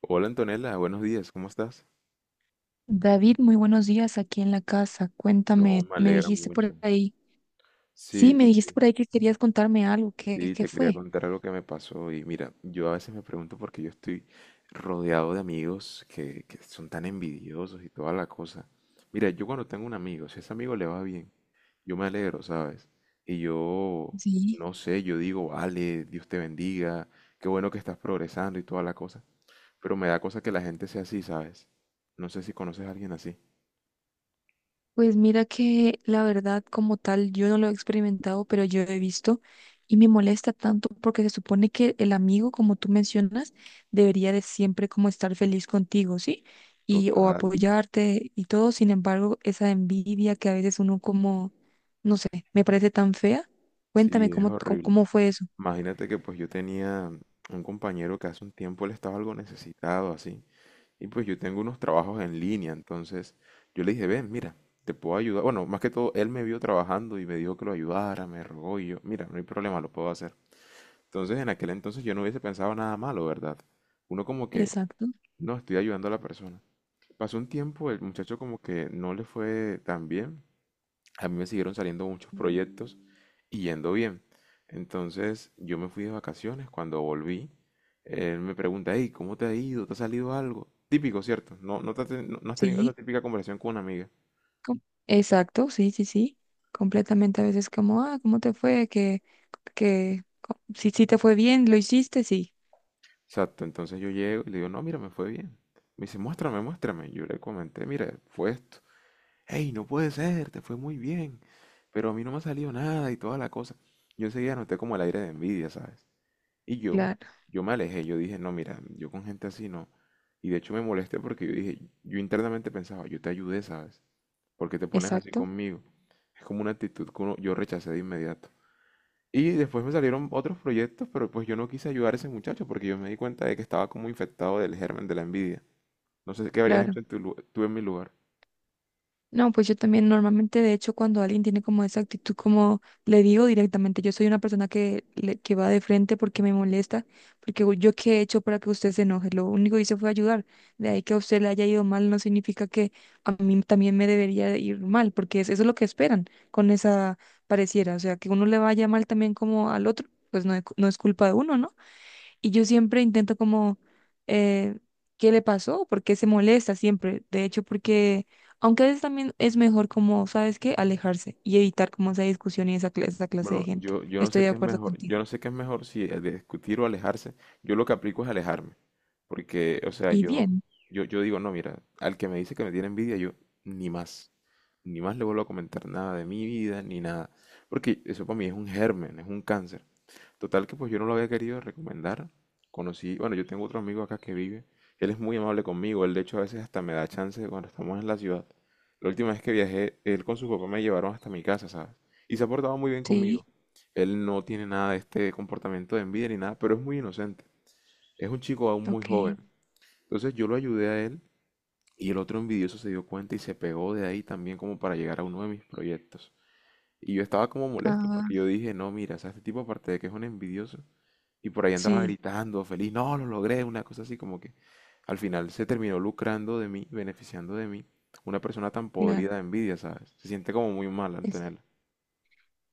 Hola Antonella, buenos días, ¿cómo estás? David, muy buenos días aquí en la casa. No, Cuéntame, me me alegra dijiste por mucho. ahí. Sí, Sí, me dijiste sí, por ahí que querías contarme algo. ¿Qué, sí, qué te quería fue? contar algo que me pasó y mira, yo a veces me pregunto por qué yo estoy rodeado de amigos que son tan envidiosos y toda la cosa. Mira, yo cuando tengo un amigo, si a ese amigo le va bien, yo me alegro, ¿sabes? Y yo, Sí, no sé, yo digo, vale, Dios te bendiga, qué bueno que estás progresando y toda la cosa, pero me da cosa que la gente sea así, ¿sabes? No sé si conoces a alguien así. pues mira que la verdad como tal yo no lo he experimentado, pero yo he visto y me molesta tanto porque se supone que el amigo, como tú mencionas, debería de siempre como estar feliz contigo, ¿sí? Y o Total, apoyarte y todo. Sin embargo, esa envidia que a veces uno como, no sé, me parece tan fea. Cuéntame sí, es cómo, cómo, horrible. cómo fue eso. Imagínate que pues yo tenía un compañero que hace un tiempo él estaba algo necesitado así. Y pues yo tengo unos trabajos en línea, entonces yo le dije, ven, mira, te puedo ayudar. Bueno, más que todo, él me vio trabajando y me dijo que lo ayudara, me rogó y yo, mira, no hay problema, lo puedo hacer. Entonces en aquel entonces yo no hubiese pensado nada malo, ¿verdad? Uno como que, Exacto. no, estoy ayudando a la persona. Pasó un tiempo, el muchacho como que no le fue tan bien. A mí me siguieron saliendo muchos proyectos y yendo bien. Entonces yo me fui de vacaciones, cuando volví, él me pregunta, hey, ¿cómo te ha ido? ¿Te ha salido algo? Típico, ¿cierto? No has tenido esa Sí, típica conversación con una amiga. com- exacto, sí, sí, sí. Completamente a veces como, ah, ¿cómo te fue? Si, si te fue bien, lo hiciste, sí. Exacto, entonces yo llego y le digo, no, mira, me fue bien. Me dice, muéstrame, muéstrame. Yo le comenté, mira, fue esto. Hey, no puede ser, te fue muy bien. Pero a mí no me ha salido nada y toda la cosa. Yo enseguida noté como el aire de envidia, ¿sabes? Y yo, Claro, yo me alejé, yo dije, no, mira, yo con gente así no. Y de hecho me molesté porque yo dije, yo internamente pensaba, yo te ayudé, ¿sabes? Porque te pones así exacto, conmigo. Es como una actitud que uno- yo rechacé de inmediato. Y después me salieron otros proyectos, pero pues yo no quise ayudar a ese muchacho porque yo me di cuenta de que estaba como infectado del germen de la envidia. No sé qué habrías claro. hecho en tu tú en mi lugar. No, pues yo también normalmente, de hecho, cuando alguien tiene como esa actitud, como le digo directamente, yo soy una persona que, que va de frente porque me molesta, porque yo qué he hecho para que usted se enoje. Lo único que hice fue ayudar. De ahí que a usted le haya ido mal no significa que a mí también me debería de ir mal, porque eso es lo que esperan con esa pareciera, o sea, que uno le vaya mal también como al otro. Pues no, es no es culpa de uno, ¿no? Y yo siempre intento como, eh, ¿qué le pasó? ¿Por qué se molesta siempre? De hecho, porque, aunque a veces también es mejor como, ¿sabes qué? Alejarse y evitar como esa discusión y esa clase de Bueno, gente. yo no Estoy sé de qué es acuerdo mejor. contigo. Yo no sé qué es mejor si discutir o alejarse. Yo lo que aplico es alejarme. Porque, o sea, Y yo, bien, yo digo, no, mira, al que me dice que me tiene envidia, yo ni más, ni más le vuelvo a comentar nada de mi vida, ni nada. Porque eso para mí es un germen, es un cáncer. Total que pues yo no lo había querido recomendar. Conocí, bueno, yo tengo otro amigo acá que vive. Él es muy amable conmigo. Él de hecho a veces hasta me da chance cuando estamos en la ciudad. La última vez que viajé, él con su papá me llevaron hasta mi casa, ¿sabes? Y se ha portado muy bien sí, conmigo. Él no tiene nada de este comportamiento de envidia ni nada, pero es muy inocente. Es un chico aún muy joven. ok. Entonces yo lo ayudé a él y el otro envidioso se dio cuenta y se pegó de ahí también como para llegar a uno de mis proyectos. Y yo estaba como molesto porque yo Ah, dije, no, mira, o sea, este tipo aparte de que es un envidioso y por ahí andaba sí, gritando, feliz, no, lo logré, una cosa así como que al final se terminó lucrando de mí, beneficiando de mí. Una persona tan claro. podrida de envidia, ¿sabes? Se siente como muy mal, Antonella.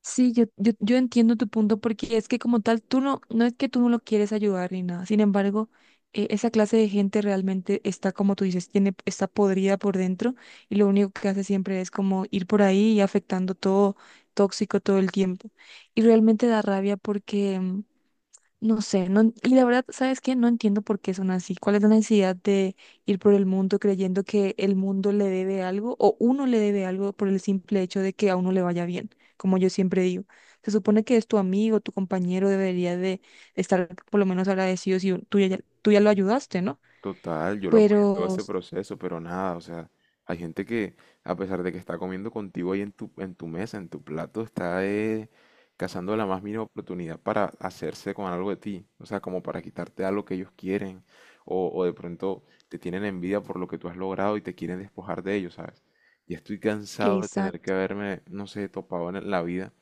Sí, yo entiendo tu punto porque es que como tal, tú no, no es que tú no lo quieres ayudar ni nada. Sin embargo, esa clase de gente realmente está, como tú dices, tiene, está podrida por dentro, y lo único que hace siempre es como ir por ahí y afectando todo, tóxico todo el tiempo. Y realmente da rabia porque... no sé, no, y la verdad, ¿sabes qué? No entiendo por qué son así. ¿Cuál es la necesidad de ir por el mundo creyendo que el mundo le debe algo o uno le debe algo por el simple hecho de que a uno le vaya bien? Como yo siempre digo, se supone que es tu amigo, tu compañero, debería de estar por lo menos agradecido si tú ya lo ayudaste, ¿no? Total, yo lo apoyé en todo Pero, ese proceso, pero nada, o sea, hay gente que a pesar de que está comiendo contigo ahí en en tu mesa, en tu plato, está cazando la más mínima oportunidad para hacerse con algo de ti, o sea, como para quitarte algo que ellos quieren, o de pronto te tienen envidia por lo que tú has logrado y te quieren despojar de ellos, ¿sabes? Ya estoy cansado de tener que exacto, haberme, no sé, topado en la vida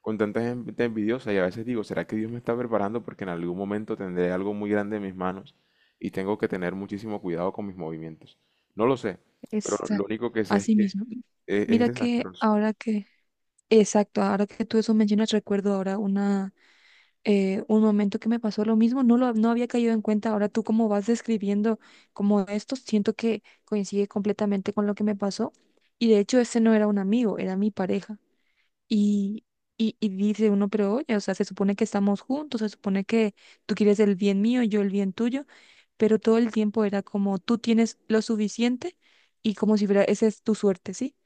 con tanta gente envidiosa y a veces digo, ¿será que Dios me está preparando porque en algún momento tendré algo muy grande en mis manos y tengo que tener muchísimo cuidado con mis movimientos? No lo sé, pero lo exacto, único que sé es así que mismo. Es Mira que desastroso. ahora que, exacto, ahora que tú eso mencionas, recuerdo ahora una un momento que me pasó lo mismo, no lo no había caído en cuenta. Ahora tú como vas describiendo como esto, siento que coincide completamente con lo que me pasó. Y de hecho ese no era un amigo, era mi pareja. Y, y dice uno, pero oye, o sea, se supone que estamos juntos, se supone que tú quieres el bien mío, yo el bien tuyo, pero todo el tiempo era como tú tienes lo suficiente y como si fuera, esa es tu suerte, ¿sí?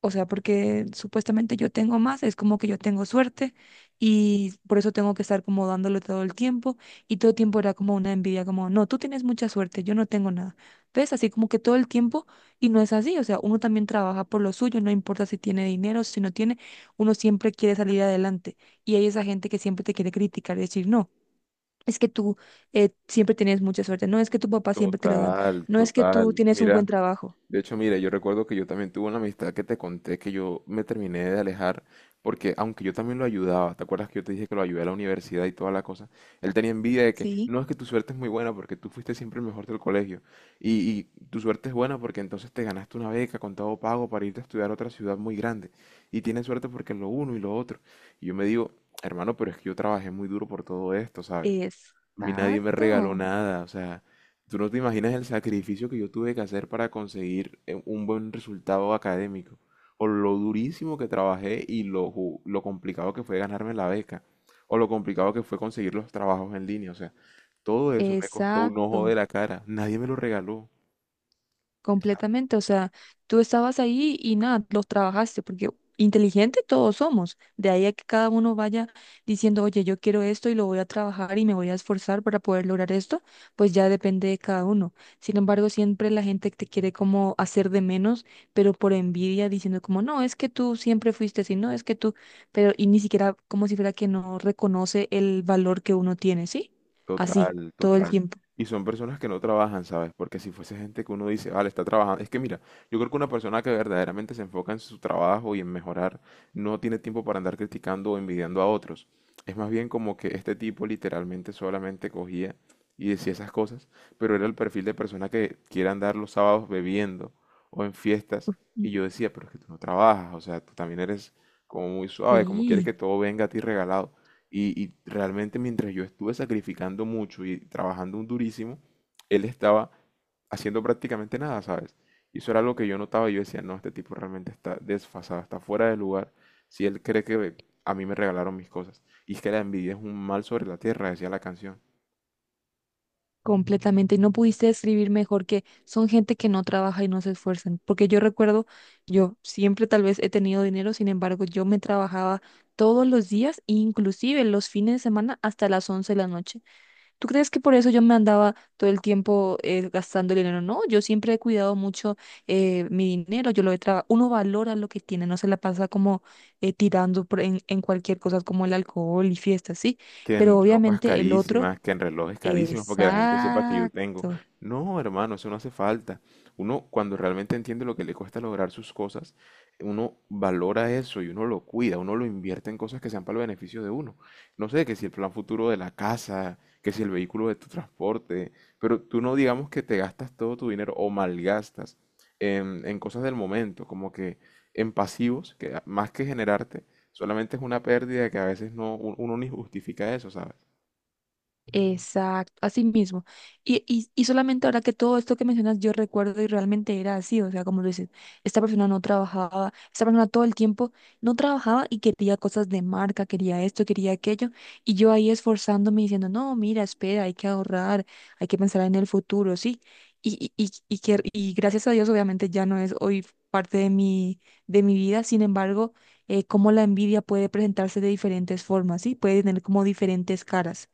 O sea, porque supuestamente yo tengo más, es como que yo tengo suerte y por eso tengo que estar como dándole todo el tiempo, y todo el tiempo era como una envidia, como, no, tú tienes mucha suerte, yo no tengo nada. ¿Ves? Así como que todo el tiempo, y no es así, o sea, uno también trabaja por lo suyo, no importa si tiene dinero, si no tiene, uno siempre quiere salir adelante, y hay esa gente que siempre te quiere criticar y decir, no. Es que tú siempre tienes mucha suerte, no es que tu papá siempre te lo dan, Total, no es que tú total. tienes un Mira. buen trabajo. De hecho, mira, yo recuerdo que yo también tuve una amistad que te conté que yo me terminé de alejar porque aunque yo también lo ayudaba, ¿te acuerdas que yo te dije que lo ayudé a la universidad y toda la cosa? Él tenía envidia de que Sí, no es que tu suerte es muy buena porque tú fuiste siempre el mejor del colegio y tu suerte es buena porque entonces te ganaste una beca con todo pago para irte a estudiar a otra ciudad muy grande y tienes suerte porque lo uno y lo otro. Y yo me digo, hermano, pero es que yo trabajé muy duro por todo esto, ¿sabes? A mí nadie me regaló exacto. nada, o sea, tú no te imaginas el sacrificio que yo tuve que hacer para conseguir un buen resultado académico, o lo durísimo que trabajé y lo, lo complicado que fue ganarme la beca, o lo complicado que fue conseguir los trabajos en línea, o sea, todo eso me costó un ojo de Exacto, la cara, nadie me lo regaló. completamente. O sea, tú estabas ahí y nada, los trabajaste, porque inteligente todos somos. De ahí a que cada uno vaya diciendo, oye, yo quiero esto y lo voy a trabajar y me voy a esforzar para poder lograr esto, pues ya depende de cada uno. Sin embargo, siempre la gente te quiere como hacer de menos, pero por envidia, diciendo como, no, es que tú siempre fuiste así, no, es que tú, pero y ni siquiera como si fuera que no reconoce el valor que uno tiene, ¿sí? Así, Total, todo el total. tiempo. Y son personas que no trabajan, ¿sabes? Porque si fuese gente que uno dice, vale, está trabajando. Es que mira, yo creo que una persona que verdaderamente se enfoca en su trabajo y en mejorar, no tiene tiempo para andar criticando o envidiando a otros. Es más bien como que este tipo literalmente solamente cogía y decía esas cosas, pero era el perfil de persona que quiere andar los sábados bebiendo o en fiestas. Mm, Y yo decía, pero es que tú no trabajas, o sea, tú también eres como muy suave, como quieres que sí. todo venga a ti regalado. Y realmente mientras yo estuve sacrificando mucho y trabajando un durísimo, él estaba haciendo prácticamente nada, ¿sabes? Y eso era lo que yo notaba. Yo decía, no, este tipo realmente está desfasado, está fuera de lugar. Si él cree que a mí me regalaron mis cosas. Y es que la envidia es un mal sobre la tierra, decía la canción. Completamente, y no pudiste describir mejor que son gente que no trabaja y no se esfuerzan, porque yo recuerdo, yo siempre tal vez he tenido dinero, sin embargo, yo me trabajaba todos los días, inclusive los fines de semana hasta las 11 de la noche. ¿Tú crees que por eso yo me andaba todo el tiempo gastando dinero? No, yo siempre he cuidado mucho, mi dinero, yo lo he trabajado, uno valora lo que tiene, no se la pasa como tirando por en cualquier cosa como el alcohol y fiestas, sí, Que pero en ropas obviamente el otro. carísimas, que en relojes carísimos, porque la gente sepa que yo tengo. Exacto. No, hermano, eso no hace falta. Uno, cuando realmente entiende lo que le cuesta lograr sus cosas, uno valora eso y uno lo cuida, uno lo invierte en cosas que sean para el beneficio de uno. No sé, que si el plan futuro de la casa, que si el vehículo de tu transporte, pero tú no digamos que te gastas todo tu dinero o malgastas en cosas del momento, como que en pasivos, que más que generarte solamente es una pérdida que a veces no, uno ni justifica eso, ¿sabes? Exacto, así mismo. Y, y solamente ahora que todo esto que mencionas yo recuerdo y realmente era así, o sea, como lo dices, esta persona no trabajaba, esta persona todo el tiempo no trabajaba y quería cosas de marca, quería esto, quería aquello, y yo ahí esforzándome diciendo, no, mira, espera, hay que ahorrar, hay que pensar en el futuro, sí. Y, y que, y gracias a Dios, obviamente ya no es hoy parte de mi vida, sin embargo, cómo la envidia puede presentarse de diferentes formas, sí, puede tener como diferentes caras,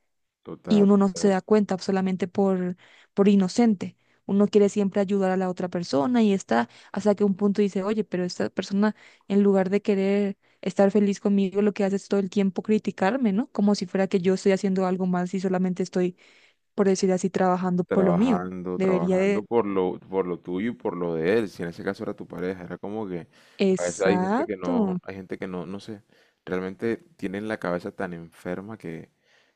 y Total, uno no se total. da cuenta solamente por inocente. Uno quiere siempre ayudar a la otra persona y está hasta que un punto dice, oye, pero esta persona en lugar de querer estar feliz conmigo, lo que hace es todo el tiempo criticarme, ¿no? Como si fuera que yo estoy haciendo algo mal si solamente estoy, por decir así, trabajando por lo mío. Trabajando, Debería de... trabajando por por lo tuyo y por lo de él. Si en ese caso era tu pareja, era como que a veces hay gente que no, Exacto, hay gente que no, no sé, realmente tienen la cabeza tan enferma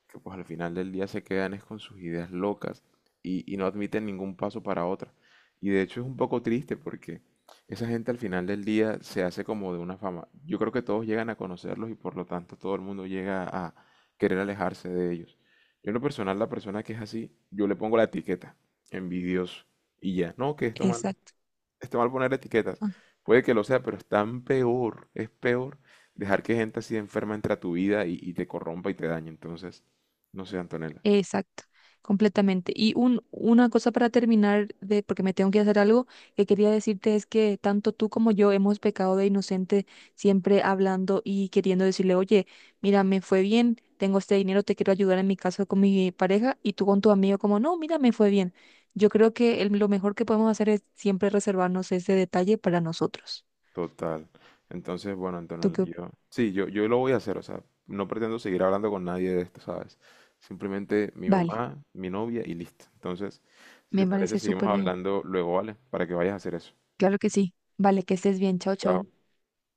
que pues al final del día se quedan es con sus ideas locas y no admiten ningún paso para otra. Y de hecho es un poco triste porque esa gente al final del día se hace como de una fama. Yo creo que todos llegan a conocerlos y por lo tanto todo el mundo llega a querer alejarse de ellos. Yo en lo personal, la persona que es así, yo le pongo la etiqueta, envidioso, y ya. No, que exacto. está mal poner etiquetas. Puede que lo sea, pero es tan peor, es peor dejar que gente así enferma entre a tu vida y te corrompa y te dañe. Entonces, no sé, Antonella, Exacto, completamente. Y un, una cosa para terminar, de, porque me tengo que hacer algo, que quería decirte es que tanto tú como yo hemos pecado de inocente siempre hablando y queriendo decirle, oye, mira, me fue bien, tengo este dinero, te quiero ayudar, en mi caso con mi pareja y tú con tu amigo como, no, mira, me fue bien. Yo creo que lo mejor que podemos hacer es siempre reservarnos ese detalle para nosotros. total. Entonces, bueno, ¿Tú Antonella, qué opinas? yo, sí, yo lo voy a hacer, o sea, no pretendo seguir hablando con nadie de esto, ¿sabes? Simplemente mi Vale, mamá, mi novia y listo. Entonces, si te me parece, parece seguimos súper bien. hablando luego, ¿vale? Para que vayas a hacer eso. Claro que sí. Vale, que estés bien. Chao, chao. Chao.